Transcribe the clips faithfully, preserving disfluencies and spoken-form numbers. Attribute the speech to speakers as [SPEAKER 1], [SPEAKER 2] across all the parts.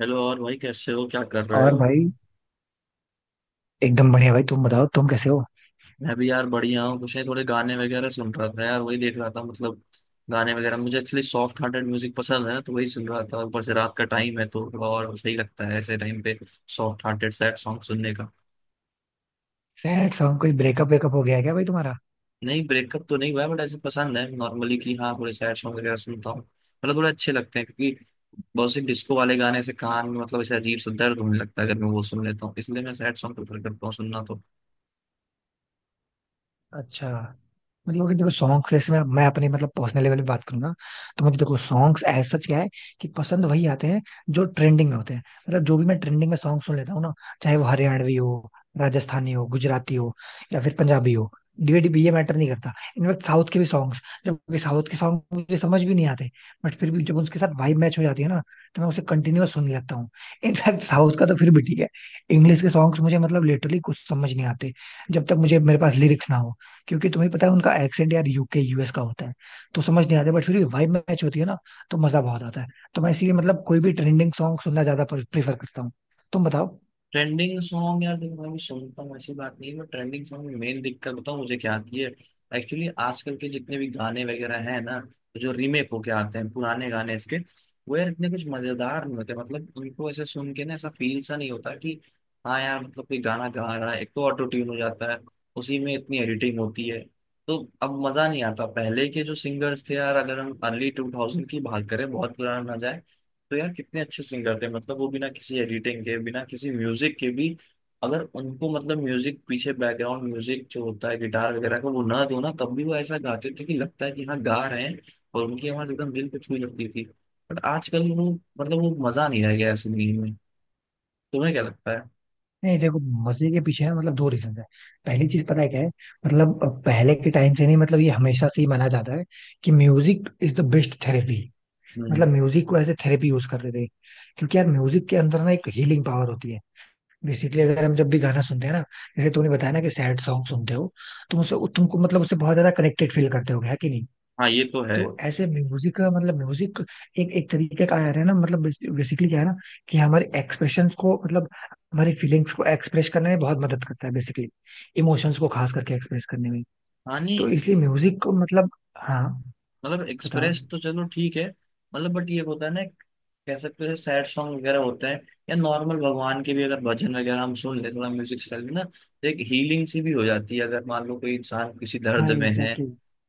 [SPEAKER 1] Hello. और भाई कैसे हो, क्या कर रहे
[SPEAKER 2] और
[SPEAKER 1] हो?
[SPEAKER 2] भाई। एकदम बढ़िया भाई। तुम बताओ तुम कैसे हो।
[SPEAKER 1] मैं भी यार बढ़िया हूँ। कुछ नहीं, थोड़े गाने वगैरह सुन रहा था यार। वही देख रहा था। मतलब गाने वगैरह मुझे एक्चुअली सॉफ्ट हार्टेड म्यूजिक पसंद है ना, तो वही सुन रहा था। ऊपर से रात का टाइम है तो थोड़ा और सही लगता है ऐसे टाइम पे सॉफ्ट हार्टेड सैड सॉन्ग सुनने का।
[SPEAKER 2] Sad song? कोई ब्रेकअप वेकअप हो गया है क्या भाई तुम्हारा?
[SPEAKER 1] नहीं, ब्रेकअप तो नहीं हुआ है, बट ऐसे पसंद है नॉर्मली। कि हाँ, थोड़े सैड सॉन्ग वगैरह सुनता हूँ। मतलब थोड़े अच्छे लगते हैं क्योंकि बहुत से डिस्को वाले गाने से कान में मतलब ऐसे अजीब सा दर्द होने लगता है अगर मैं वो सुन लेता हूँ। इसलिए मैं सैड सॉन्ग प्रेफर करता हूँ सुनना तो।
[SPEAKER 2] अच्छा। मतलब अगर देखो सॉन्ग्स, जैसे मैं मैं अपने मतलब पर्सनल लेवल पे बात करूँ ना, तो मुझे देखो सॉन्ग्स एज सच क्या है, कि पसंद वही आते हैं जो ट्रेंडिंग में होते हैं। मतलब जो भी मैं ट्रेंडिंग में सॉन्ग सुन लेता हूँ ना, चाहे वो हरियाणवी हो, राजस्थानी हो, गुजराती हो, या फिर पंजाबी हो, डिवेटिव, ये मैटर नहीं करता। इनफैक्ट साउथ के भी सॉन्ग्स, जबकि साउथ के सॉन्ग मुझे समझ भी नहीं आते, बट फिर भी जब उसके साथ वाइब मैच हो जाती है ना, तो मैं उसे कंटिन्यूअस सुनने लगता हूँ। इनफैक्ट साउथ का तो फिर भी ठीक है, इंग्लिश के सॉन्ग्स मुझे मतलब लिटरली कुछ समझ नहीं आते, जब तक मुझे मेरे पास लिरिक्स ना हो, क्योंकि तुम्हें पता है उनका एक्सेंट यार यू के यू एस का होता है, तो समझ नहीं आता। बट फिर भी वाइब मैच होती है ना, तो मजा बहुत आता है। तो मैं इसीलिए मतलब कोई भी ट्रेंडिंग सॉन्ग सुनना ज्यादा प्रेफर करता हूँ। तुम बताओ।
[SPEAKER 1] ट्रेंडिंग सॉन्ग यार देखो मैं भी सुनता हूँ, ऐसी बात नहीं है। बट ट्रेंडिंग सॉन्ग में मेन दिक्कत बताऊँ मुझे क्या आती है? एक्चुअली आजकल के जितने भी गाने वगैरह हैं ना, जो रीमेक होके आते हैं पुराने गाने इसके, वो यार इतने कुछ मजेदार नहीं होते। मतलब उनको ऐसे सुन के ना ऐसा फील सा नहीं होता कि हाँ यार मतलब कोई गाना गा रहा है। एक तो ऑटो ट्यून हो जाता है, उसी में इतनी एडिटिंग होती है, तो अब मजा नहीं आता। पहले के जो सिंगर्स थे यार, अगर हम अर्ली टू थाउजेंड की बात करें, बहुत पुराना ना जाए, तो यार कितने अच्छे सिंगर थे। मतलब वो बिना किसी एडिटिंग के, बिना किसी म्यूजिक के भी, अगर उनको मतलब म्यूजिक पीछे बैकग्राउंड म्यूजिक जो होता है गिटार वगैरह का, वो ना दो ना, तब भी वो ऐसा गाते थे कि लगता है कि हाँ गा रहे हैं। और उनकी आवाज एकदम दिल को छू जाती थी। बट आजकल वो मतलब वो मजा नहीं रह गया है सिंगिंग में। तुम्हें क्या लगता है?
[SPEAKER 2] नहीं देखो, मजे के पीछे है मतलब दो रीजन है। पहली चीज पता है क्या है? मतलब पहले के टाइम से नहीं, मतलब ये हमेशा से ही माना जाता है कि music is the best therapy.
[SPEAKER 1] Hmm.
[SPEAKER 2] मतलब म्यूजिक को एज ए थेरेपी यूज करते थे, क्योंकि यार म्यूजिक के अंदर ना एक हीलिंग पावर होती है। बेसिकली अगर हम जब भी गाना सुनते हैं ना, जैसे तूने बताया ना कि सैड सॉन्ग सुनते हो, तुम उससे तुमको मतलब उससे बहुत ज्यादा कनेक्टेड फील करते हो, है कि नहीं?
[SPEAKER 1] हाँ ये तो है।
[SPEAKER 2] तो ऐसे म्यूजिक का मतलब म्यूजिक एक एक तरीके का यार है ना, मतलब बेसिकली क्या है ना, कि हमारे एक्सप्रेशन को मतलब हमारी फीलिंग्स को एक्सप्रेस करने में बहुत मदद करता है बेसिकली। इमोशंस को खास करके एक्सप्रेस करने में,
[SPEAKER 1] हाँ, नहीं,
[SPEAKER 2] तो इसलिए म्यूजिक को मतलब, हाँ।
[SPEAKER 1] मतलब
[SPEAKER 2] बताओ।
[SPEAKER 1] एक्सप्रेस तो चलो ठीक है। मतलब बट ये होता है ना, कह सकते हो सैड सॉन्ग वगैरह होते हैं, या नॉर्मल भगवान के भी अगर भजन वगैरह हम सुन ले थोड़ा म्यूजिक स्टाइल में ना, तो एक हीलिंग सी भी हो जाती है अगर मान लो कोई इंसान किसी दर्द
[SPEAKER 2] हाँ,
[SPEAKER 1] में है
[SPEAKER 2] एग्जैक्टली,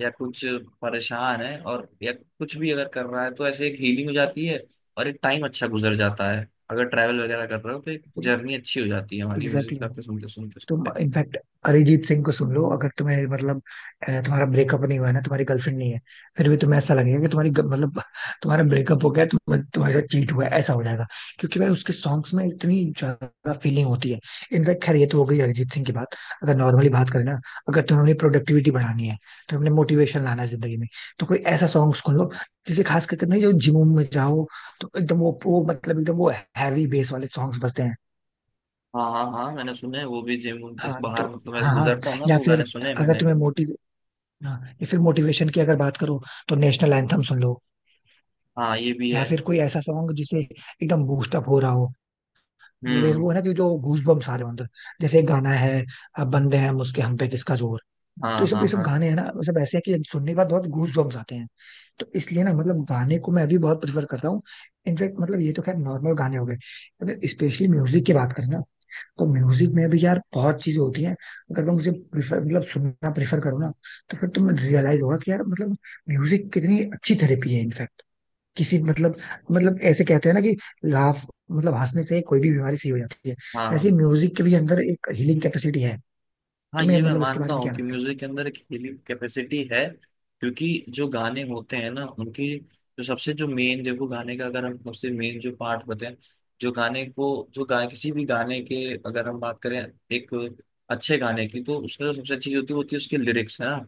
[SPEAKER 1] या कुछ परेशान है और या कुछ भी अगर कर रहा है तो ऐसे एक हीलिंग हो जाती है और एक टाइम अच्छा गुजर जाता है। अगर ट्रैवल वगैरह कर रहे हो तो एक जर्नी अच्छी हो जाती है हमारी
[SPEAKER 2] एग्जैक्टली।
[SPEAKER 1] म्यूजिक आपके सुनते सुनते
[SPEAKER 2] तुम
[SPEAKER 1] सुनते
[SPEAKER 2] इनफैक्ट अरिजीत सिंह को सुन लो अगर तुम्हें मतलब, अ, तुम्हारा ब्रेकअप नहीं हुआ है ना, तुम्हारी गर्लफ्रेंड नहीं है, फिर भी तुम्हें ऐसा लगेगा कि तुम्हारी ग- मतलब तुम्हारा ब्रेकअप हो गया, तुम तुम्हारा चीट हुआ है, ऐसा हो जाएगा, क्योंकि भाई उसके सॉन्ग्स में इतनी ज्यादा फीलिंग होती है। इनफैक्ट खैर ये तो हो गई अरिजीत सिंह की बात, अगर नॉर्मली बात करें ना, अगर तुम्हें अपनी प्रोडक्टिविटी बढ़ानी है, तुम्हें अपने मोटिवेशन लाना है जिंदगी में, तो कोई ऐसा सॉन्ग सुन लो जिसे खास करके, नहीं जो जिम में जाओ तो एकदम वो वो मतलब एकदम वो हैवी बेस वाले सॉन्ग्स बजते हैं।
[SPEAKER 1] हाँ हाँ हाँ, मैंने सुने हैं, वो भी जिम उनके
[SPEAKER 2] हाँ तो,
[SPEAKER 1] बाहर मतलब मैं
[SPEAKER 2] हाँ,
[SPEAKER 1] गुजरता
[SPEAKER 2] हाँ।
[SPEAKER 1] हूँ ना
[SPEAKER 2] या
[SPEAKER 1] तो गाने
[SPEAKER 2] फिर
[SPEAKER 1] सुने हैं
[SPEAKER 2] अगर
[SPEAKER 1] मैंने।
[SPEAKER 2] तुम्हें मोटिव हाँ, या फिर मोटिवेशन की अगर बात करो तो नेशनल एंथम सुन लो।
[SPEAKER 1] हाँ ये भी
[SPEAKER 2] या
[SPEAKER 1] है।
[SPEAKER 2] फिर कोई ऐसा सॉन्ग जिसे एकदम बूस्ट अप हो रहा हो, मतलब ये
[SPEAKER 1] हम्म।
[SPEAKER 2] वो है ना कि जो गूज बम्स आ रहे हो अंदर, जैसे एक गाना है, अब बंदे हैं मुझके हम पे किसका जोर। तो ये
[SPEAKER 1] हाँ
[SPEAKER 2] सब ये
[SPEAKER 1] हाँ
[SPEAKER 2] सब
[SPEAKER 1] हाँ।
[SPEAKER 2] गाने हैं ना, ये सब ऐसे हैं कि सुनने के बाद बहुत गूज बम्स आते हैं। तो इसलिए ना मतलब गाने को मैं अभी बहुत प्रिफर करता हूँ। इनफेक्ट मतलब ये तो खैर नॉर्मल गाने हो गए। अगर स्पेशली म्यूजिक की बात करें ना, तो म्यूजिक में भी यार बहुत चीजें होती हैं। अगर तुम उसे प्रिफर मतलब सुनना प्रेफर करो ना, तो फिर तुम्हें रियलाइज होगा कि यार मतलब म्यूजिक कितनी अच्छी थेरेपी है इनफैक्ट। किसी मतलब मतलब ऐसे कहते हैं ना कि लाफ, मतलब हंसने से कोई भी बीमारी सही हो जाती है।
[SPEAKER 1] हाँ,
[SPEAKER 2] ऐसे म्यूजिक के भी अंदर एक हीलिंग कैपेसिटी है।
[SPEAKER 1] हाँ
[SPEAKER 2] तुम्हें
[SPEAKER 1] ये मैं
[SPEAKER 2] मतलब इसके
[SPEAKER 1] मानता
[SPEAKER 2] बारे में
[SPEAKER 1] हूँ
[SPEAKER 2] क्या
[SPEAKER 1] कि
[SPEAKER 2] लगता
[SPEAKER 1] म्यूजिक के अंदर एक हीलिंग कैपेसिटी है। क्योंकि जो गाने होते हैं ना उनकी, जो सबसे जो मेन देखो गाने का अगर हम सबसे मेन जो पार्ट बताएं, जो गाने को जो गा किसी भी गाने के अगर हम बात करें, एक अच्छे गाने की, तो उसका जो सबसे अच्छी चीज होती है होती है उसकी लिरिक्स है ना।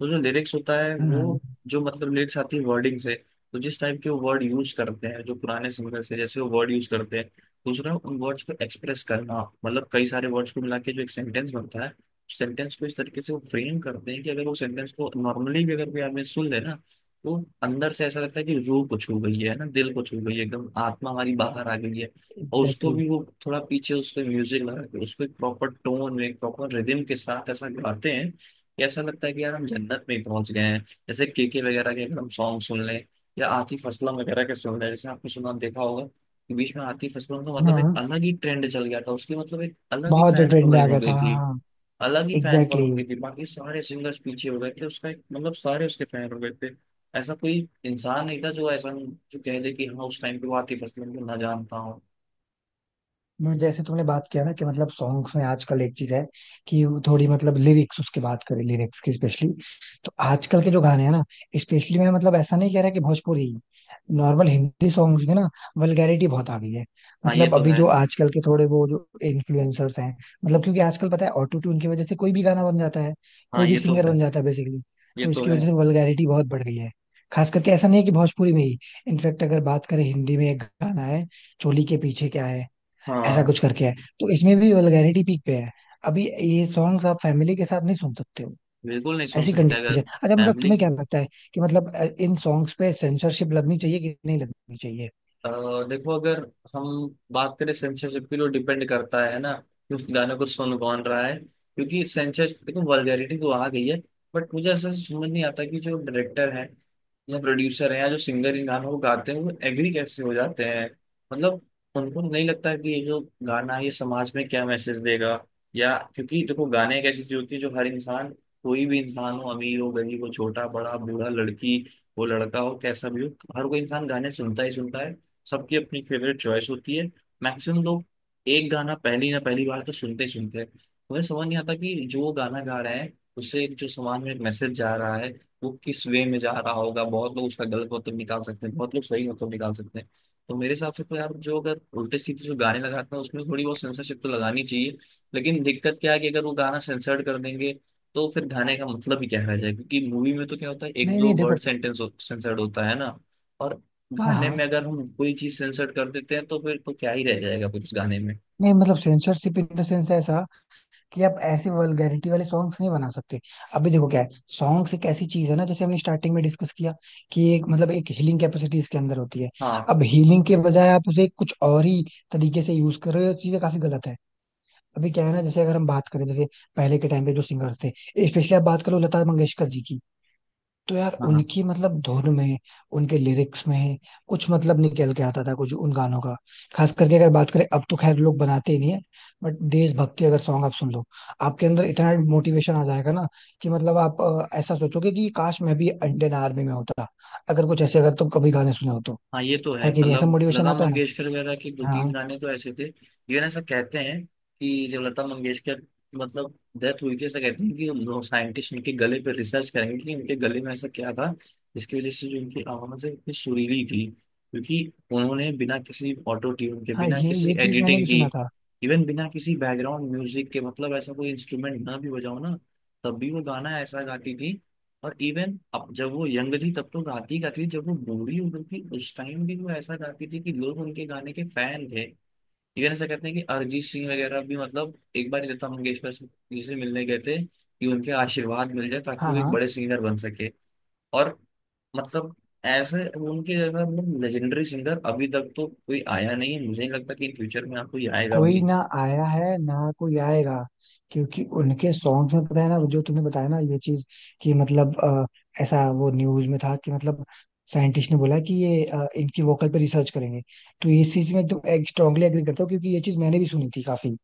[SPEAKER 1] तो जो लिरिक्स होता है,
[SPEAKER 2] है?
[SPEAKER 1] वो
[SPEAKER 2] हाँ,
[SPEAKER 1] जो मतलब लिरिक्स आती है वर्डिंग से। तो जिस टाइप के वो वर्ड यूज करते हैं जो पुराने सिंगर्स है, जैसे वो वर्ड यूज करते हैं, दूसरा उन वर्ड्स को एक्सप्रेस करना, मतलब कई सारे वर्ड्स को मिला के जो एक सेंटेंस बनता है, सेंटेंस को इस तरीके से वो फ्रेम करते हैं कि अगर वो सेंटेंस को नॉर्मली भी अगर कोई आदमी सुन ले ना, तो अंदर से ऐसा लगता है कि रूह को छू गई है ना, दिल को छू गई है, एकदम आत्मा हमारी बाहर आ गई है। और उसको
[SPEAKER 2] एग्जैक्टली।
[SPEAKER 1] भी वो थोड़ा पीछे उसके म्यूजिक लगा के, उसको एक प्रॉपर टोन में प्रॉपर रिदम के साथ ऐसा गाते हैं कि ऐसा लगता है कि यार हम जन्नत में ही पहुंच गए हैं। जैसे केके वगैरह के अगर हम सॉन्ग सुन लें, या आतिफ असलम वगैरह के सुन लें, जैसे आपने सुना देखा होगा कि बीच में आतिफ असलम का मतलब एक
[SPEAKER 2] हाँ,
[SPEAKER 1] अलग ही ट्रेंड चल गया था, उसकी मतलब एक अलग ही
[SPEAKER 2] बहुत
[SPEAKER 1] फैन
[SPEAKER 2] ट्रेंड में आ
[SPEAKER 1] फॉलोइंग हो
[SPEAKER 2] गया था,
[SPEAKER 1] गई थी।
[SPEAKER 2] हाँ।
[SPEAKER 1] अलग ही फैन फॉलोइंग
[SPEAKER 2] एग्जैक्टली।
[SPEAKER 1] हो गई थी, बाकी सारे सिंगर्स पीछे हो गए थे, उसका एक मतलब सारे उसके फैन हो गए थे। ऐसा कोई इंसान नहीं था जो ऐसा, जो कह दे कि हाँ उस टाइम पे वो आतिफ असलम को ना जानता हूँ।
[SPEAKER 2] मैं- जैसे तुमने बात किया ना कि मतलब सॉन्ग्स में आजकल एक चीज है, कि वो थोड़ी मतलब लिरिक्स, उसके बात करें लिरिक्स की स्पेशली। तो आजकल के जो गाने हैं ना, स्पेशली मैं मतलब ऐसा नहीं कह रहा कि भोजपुरी, नॉर्मल हिंदी सॉन्ग्स में ना वल्गैरिटी बहुत आ गई है।
[SPEAKER 1] हाँ ये
[SPEAKER 2] मतलब
[SPEAKER 1] तो
[SPEAKER 2] अभी
[SPEAKER 1] है।
[SPEAKER 2] जो आजकल के थोड़े वो जो इन्फ्लुएंसर्स हैं, मतलब क्योंकि आजकल पता है ऑटो ट्यून की वजह से कोई भी गाना बन जाता है,
[SPEAKER 1] हाँ
[SPEAKER 2] कोई भी
[SPEAKER 1] ये तो
[SPEAKER 2] सिंगर
[SPEAKER 1] है।
[SPEAKER 2] बन जाता है बेसिकली।
[SPEAKER 1] ये
[SPEAKER 2] तो
[SPEAKER 1] तो
[SPEAKER 2] इसकी
[SPEAKER 1] है।
[SPEAKER 2] वजह से वल्गैरिटी बहुत बढ़ गई है, खास करके ऐसा नहीं है कि भोजपुरी में ही। इनफैक्ट अगर बात करें हिंदी में एक गाना है, चोली के पीछे क्या है, ऐसा
[SPEAKER 1] हाँ
[SPEAKER 2] कुछ करके है, तो इसमें भी वल्गैरिटी पीक पे है। अभी ये सॉन्ग्स आप फैमिली के साथ नहीं सुन सकते हो,
[SPEAKER 1] बिल्कुल नहीं सोच
[SPEAKER 2] ऐसी
[SPEAKER 1] सकते। अगर
[SPEAKER 2] कंडीशन। अच्छा मतलब
[SPEAKER 1] फैमिली
[SPEAKER 2] तुम्हें
[SPEAKER 1] की
[SPEAKER 2] क्या लगता है कि मतलब अ, इन सॉन्ग्स पे सेंसरशिप लगनी चाहिए कि नहीं लगनी चाहिए?
[SPEAKER 1] अ, देखो, अगर हम बात करें सेंसरशिप की, तो डिपेंड करता है ना कि उस गाने को सुन कौन रहा है। क्योंकि सेंसर देखो, वल्गैरिटी तो आ गई है। बट मुझे ऐसा समझ नहीं आता कि जो डायरेक्टर है या प्रोड्यूसर हैं या जो सिंगर इन गानों को गाते हैं वो एग्री कैसे हो जाते हैं। मतलब उनको नहीं लगता कि ये जो गाना है ये समाज में क्या मैसेज देगा? या क्योंकि देखो, गाने एक ऐसी चीज होती है जो हर इंसान, कोई भी इंसान हो, अमीर हो गरीब हो छोटा बड़ा बूढ़ा, लड़की हो लड़का हो, कैसा भी हो, हर कोई इंसान गाने सुनता ही सुनता है। सबकी अपनी फेवरेट चॉइस होती है। मैक्सिमम लोग एक गाना पहली ना पहली बार तो सुनते ही सुनते हैं। मुझे समझ नहीं आता कि जो गाना गा रहे हैं उससे जो समाज में एक मैसेज जा रहा है वो किस वे में जा रहा होगा। बहुत लोग उसका गलत मतलब निकाल सकते हैं, बहुत लोग सही मतलब निकाल सकते हैं। तो मेरे हिसाब से तो यार जो अगर उल्टे सीधे जो गाने लगाते हैं उसमें थोड़ी बहुत सेंसरशिप तो लगानी चाहिए। लेकिन दिक्कत क्या है कि अगर वो गाना सेंसर्ड कर देंगे तो फिर गाने का मतलब ही क्या रह जाएगा? क्योंकि मूवी में तो क्या होता है, एक
[SPEAKER 2] नहीं,
[SPEAKER 1] दो
[SPEAKER 2] नहीं,
[SPEAKER 1] वर्ड
[SPEAKER 2] देखो।
[SPEAKER 1] सेंटेंस सेंसर्ड होता है ना, और
[SPEAKER 2] हाँ,
[SPEAKER 1] गाने में
[SPEAKER 2] हाँ।
[SPEAKER 1] अगर हम कोई चीज सेंसर्ड कर देते हैं तो फिर तो क्या ही रह जाएगा फिर उस गाने में।
[SPEAKER 2] नहीं मतलब सेंसरशिप इन द सेंस ऐसा, कि आप ऐसे वल्गैरिटी वाले सॉन्ग्स नहीं बना सकते। अभी देखो क्या है, सॉन्ग्स एक ऐसी चीज है ना, जैसे हमने स्टार्टिंग में डिस्कस किया कि एक मतलब एक हीलिंग कैपेसिटी इसके अंदर होती है।
[SPEAKER 1] हाँ
[SPEAKER 2] अब हीलिंग के बजाय आप उसे कुछ और ही तरीके से यूज कर रहे हो, चीजें काफी गलत है। अभी क्या है ना, जैसे अगर हम बात करें, जैसे पहले के टाइम पे जो सिंगर्स थे, स्पेशली आप बात करो लता मंगेशकर जी की, तो यार
[SPEAKER 1] हाँ
[SPEAKER 2] उनकी मतलब धुन में, उनके लिरिक्स में, कुछ मतलब निकल के आता था कुछ उन गानों का। खास करके अगर बात करें, अब तो खैर लोग बनाते ही नहीं है। बट देशभक्ति अगर सॉन्ग आप सुन लो, आपके अंदर इतना मोटिवेशन आ जाएगा ना, कि मतलब आप अ, ऐसा सोचोगे कि काश मैं भी इंडियन आर्मी में होता। अगर कुछ ऐसे अगर तुम कभी गाने सुने हो तो,
[SPEAKER 1] हाँ ये तो
[SPEAKER 2] है
[SPEAKER 1] है।
[SPEAKER 2] कि नहीं, ऐसा
[SPEAKER 1] मतलब
[SPEAKER 2] मोटिवेशन
[SPEAKER 1] लता
[SPEAKER 2] आता है ना?
[SPEAKER 1] मंगेशकर वगैरह के दो तीन
[SPEAKER 2] हाँ,
[SPEAKER 1] गाने तो ऐसे थे। इवन ऐसा कहते हैं कि जब लता मंगेशकर मतलब डेथ हुई थी, ऐसा कहते हैं कि लोग साइंटिस्ट उनके गले पर रिसर्च करेंगे कि उनके गले में ऐसा क्या था जिसकी वजह से जो उनकी आवाज है इतनी सुरीली थी। क्योंकि उन्होंने बिना किसी ऑटो ट्यून के,
[SPEAKER 2] हाँ।
[SPEAKER 1] बिना
[SPEAKER 2] ये
[SPEAKER 1] किसी
[SPEAKER 2] ये चीज मैंने
[SPEAKER 1] एडिटिंग
[SPEAKER 2] भी
[SPEAKER 1] की,
[SPEAKER 2] सुना था,
[SPEAKER 1] इवन बिना किसी बैकग्राउंड म्यूजिक के, मतलब ऐसा कोई इंस्ट्रूमेंट ना भी बजाओ ना, तब भी वो गाना ऐसा गाती थी। और इवन अब, जब वो यंग थी तब तो गाती गाती थी, जब वो बूढ़ी हो गई थी उस टाइम भी वो ऐसा गाती थी कि लोग उनके गाने के फैन थे। इवन ऐसा कहते हैं कि अरिजीत सिंह वगैरह भी मतलब एक बार लता मंगेशकर से- जी से मिलने गए थे कि उनके आशीर्वाद मिल जाए ताकि
[SPEAKER 2] हाँ,
[SPEAKER 1] वो एक
[SPEAKER 2] हाँ।
[SPEAKER 1] बड़े सिंगर बन सके। और मतलब ऐसे उनके जैसा मतलब लेजेंडरी सिंगर अभी तक तो कोई आया नहीं है, मुझे नहीं लगता कि इन फ्यूचर में आपको कोई आएगा
[SPEAKER 2] कोई
[SPEAKER 1] भी।
[SPEAKER 2] ना आया है ना, कोई आएगा, क्योंकि उनके सॉन्ग्स में पता है ना वो जो तुमने बताया ना ये चीज, कि मतलब अ, ऐसा वो न्यूज में था कि मतलब साइंटिस्ट ने बोला कि ये अ, इनकी वोकल पे रिसर्च करेंगे, तो इस चीज में तुम स्ट्रांगली एग्री करता हो, क्योंकि ये चीज मैंने भी सुनी थी काफी,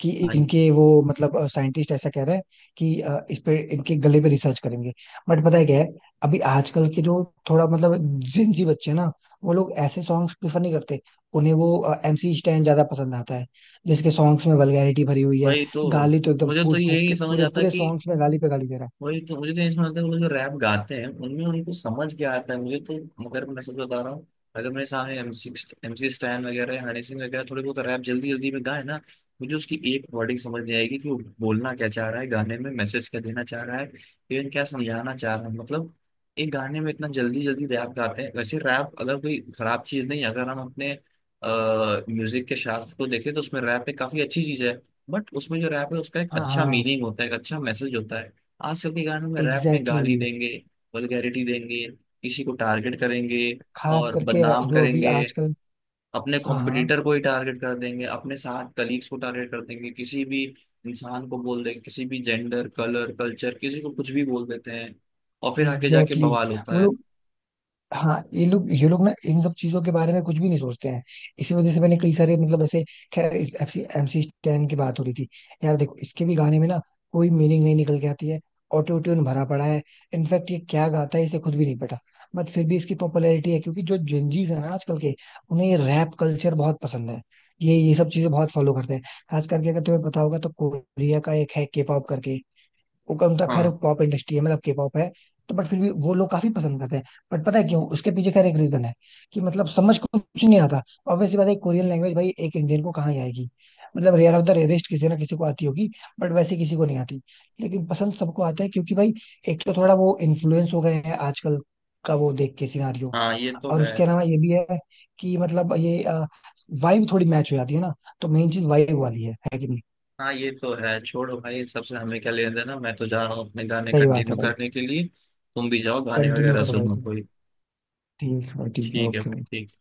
[SPEAKER 2] कि
[SPEAKER 1] भाई।
[SPEAKER 2] इनके वो मतलब साइंटिस्ट ऐसा कह रहा है कि अ, इस पे इनके गले पे रिसर्च करेंगे। बट पता है क्या है, अभी आजकल के जो थोड़ा मतलब जिनजी बच्चे हैं ना, वो लोग ऐसे सॉन्ग्स प्रिफर नहीं करते। उन्हें वो एम सी स्टैन ज्यादा पसंद आता है, जिसके सॉन्ग्स में वल्गैरिटी भरी हुई है।
[SPEAKER 1] भाई तो
[SPEAKER 2] गाली तो एकदम
[SPEAKER 1] मुझे तो
[SPEAKER 2] फूट
[SPEAKER 1] यही
[SPEAKER 2] फूट
[SPEAKER 1] नहीं
[SPEAKER 2] के
[SPEAKER 1] समझ
[SPEAKER 2] पूरे
[SPEAKER 1] आता
[SPEAKER 2] पूरे
[SPEAKER 1] कि,
[SPEAKER 2] सॉन्ग्स में गाली पे गाली दे रहा है।
[SPEAKER 1] वही तो मुझे तो ये समझता है वो लोग जो रैप गाते हैं उनमें उनको समझ क्या आता है मुझे तो। अगर मैं सच बता रहा हूँ, अगर मेरे सामने M six M C Stan वगैरह या हनी सिंह वगैरह थोड़े बहुत रैप जल्दी जल्दी में गाए ना, मुझे उसकी एक वर्डिंग समझ नहीं आएगी कि वो बोलना क्या चाह रहा है, गाने में मैसेज क्या देना चाह रहा है, इवन क्या समझाना चाह रहा है। मतलब एक गाने में इतना जल्दी जल्दी रैप गाते हैं। वैसे रैप अगर कोई खराब चीज नहीं है, अगर हम अपने म्यूजिक के शास्त्र को देखें तो उसमें रैप एक काफी अच्छी चीज है। बट उसमें जो रैप है उसका एक
[SPEAKER 2] हाँ,
[SPEAKER 1] अच्छा
[SPEAKER 2] हाँ,
[SPEAKER 1] मीनिंग होता है, एक अच्छा मैसेज होता है। आजकल के गानों में रैप में
[SPEAKER 2] एग्जैक्टली
[SPEAKER 1] गाली
[SPEAKER 2] exactly।
[SPEAKER 1] देंगे, वल्गैरिटी देंगे, किसी को टारगेट करेंगे
[SPEAKER 2] खास
[SPEAKER 1] और
[SPEAKER 2] करके
[SPEAKER 1] बदनाम
[SPEAKER 2] जो अभी
[SPEAKER 1] करेंगे,
[SPEAKER 2] आजकल,
[SPEAKER 1] अपने
[SPEAKER 2] हाँ, हाँ,
[SPEAKER 1] कॉम्पिटिटर को ही टारगेट कर देंगे, अपने साथ कलीग्स को टारगेट कर देंगे, किसी भी इंसान को बोल देंगे, किसी भी जेंडर कलर कल्चर किसी को कुछ भी बोल देते हैं और फिर आके जाके
[SPEAKER 2] एग्जैक्टली
[SPEAKER 1] बवाल
[SPEAKER 2] exactly। वो
[SPEAKER 1] होता है।
[SPEAKER 2] लोग, हाँ। ये लोग ये लोग ना इन सब चीजों के बारे में कुछ भी नहीं सोचते हैं। इसी वजह से मैंने कई सारे मतलब ऐसे, खैर एम सी स्टैन की बात हो रही थी। यार देखो इसके भी गाने में ना कोई मीनिंग नहीं निकल के आती है, ऑटो ट्यून भरा पड़ा है। इनफैक्ट ये क्या गाता है इसे खुद भी नहीं पता, बट फिर भी इसकी पॉपुलैरिटी है, क्योंकि जो जेंजीज है ना आजकल के, उन्हें ये रैप कल्चर बहुत पसंद है। ये ये सब चीजें बहुत फॉलो करते हैं। खास करके अगर तुम्हें पता होगा तो कोरिया का एक है, के पॉप करके। उनका उनका खैर
[SPEAKER 1] हाँ
[SPEAKER 2] पॉप इंडस्ट्री है मतलब के पॉप है, तो बट फिर भी वो लोग काफी पसंद करते हैं। बट पता है क्यों, उसके पीछे खैर एक रीजन है, कि मतलब समझ को कुछ नहीं आता। ऑब्वियसली बात है कोरियन लैंग्वेज भाई एक इंडियन को कहाँ ही आएगी, मतलब रेयर ऑफ द रेयरेस्ट किसी ना किसी को आती होगी, बट वैसे किसी को नहीं आती। लेकिन पसंद सबको आता है, क्योंकि भाई एक तो थोड़ा वो इन्फ्लुएंस हो गए हैं आजकल का वो देख के सिनारियो,
[SPEAKER 1] हाँ ये तो
[SPEAKER 2] और
[SPEAKER 1] है।
[SPEAKER 2] उसके अलावा ये भी है कि मतलब ये वाइब थोड़ी मैच हो जाती है ना, तो मेन चीज वाइब वाली है है कि नहीं?
[SPEAKER 1] हाँ ये तो है, छोड़ो भाई, सबसे हमें क्या लेना देना। मैं तो जा रहा हूँ अपने गाने
[SPEAKER 2] सही बात
[SPEAKER 1] कंटिन्यू
[SPEAKER 2] है भाई।
[SPEAKER 1] करने के लिए। तुम भी जाओ, गाने
[SPEAKER 2] कंटिन्यू
[SPEAKER 1] वगैरह
[SPEAKER 2] करो भाई।
[SPEAKER 1] सुनो कोई।
[SPEAKER 2] ठीक है, ठीक है,
[SPEAKER 1] ठीक है
[SPEAKER 2] ओके।
[SPEAKER 1] ठीक।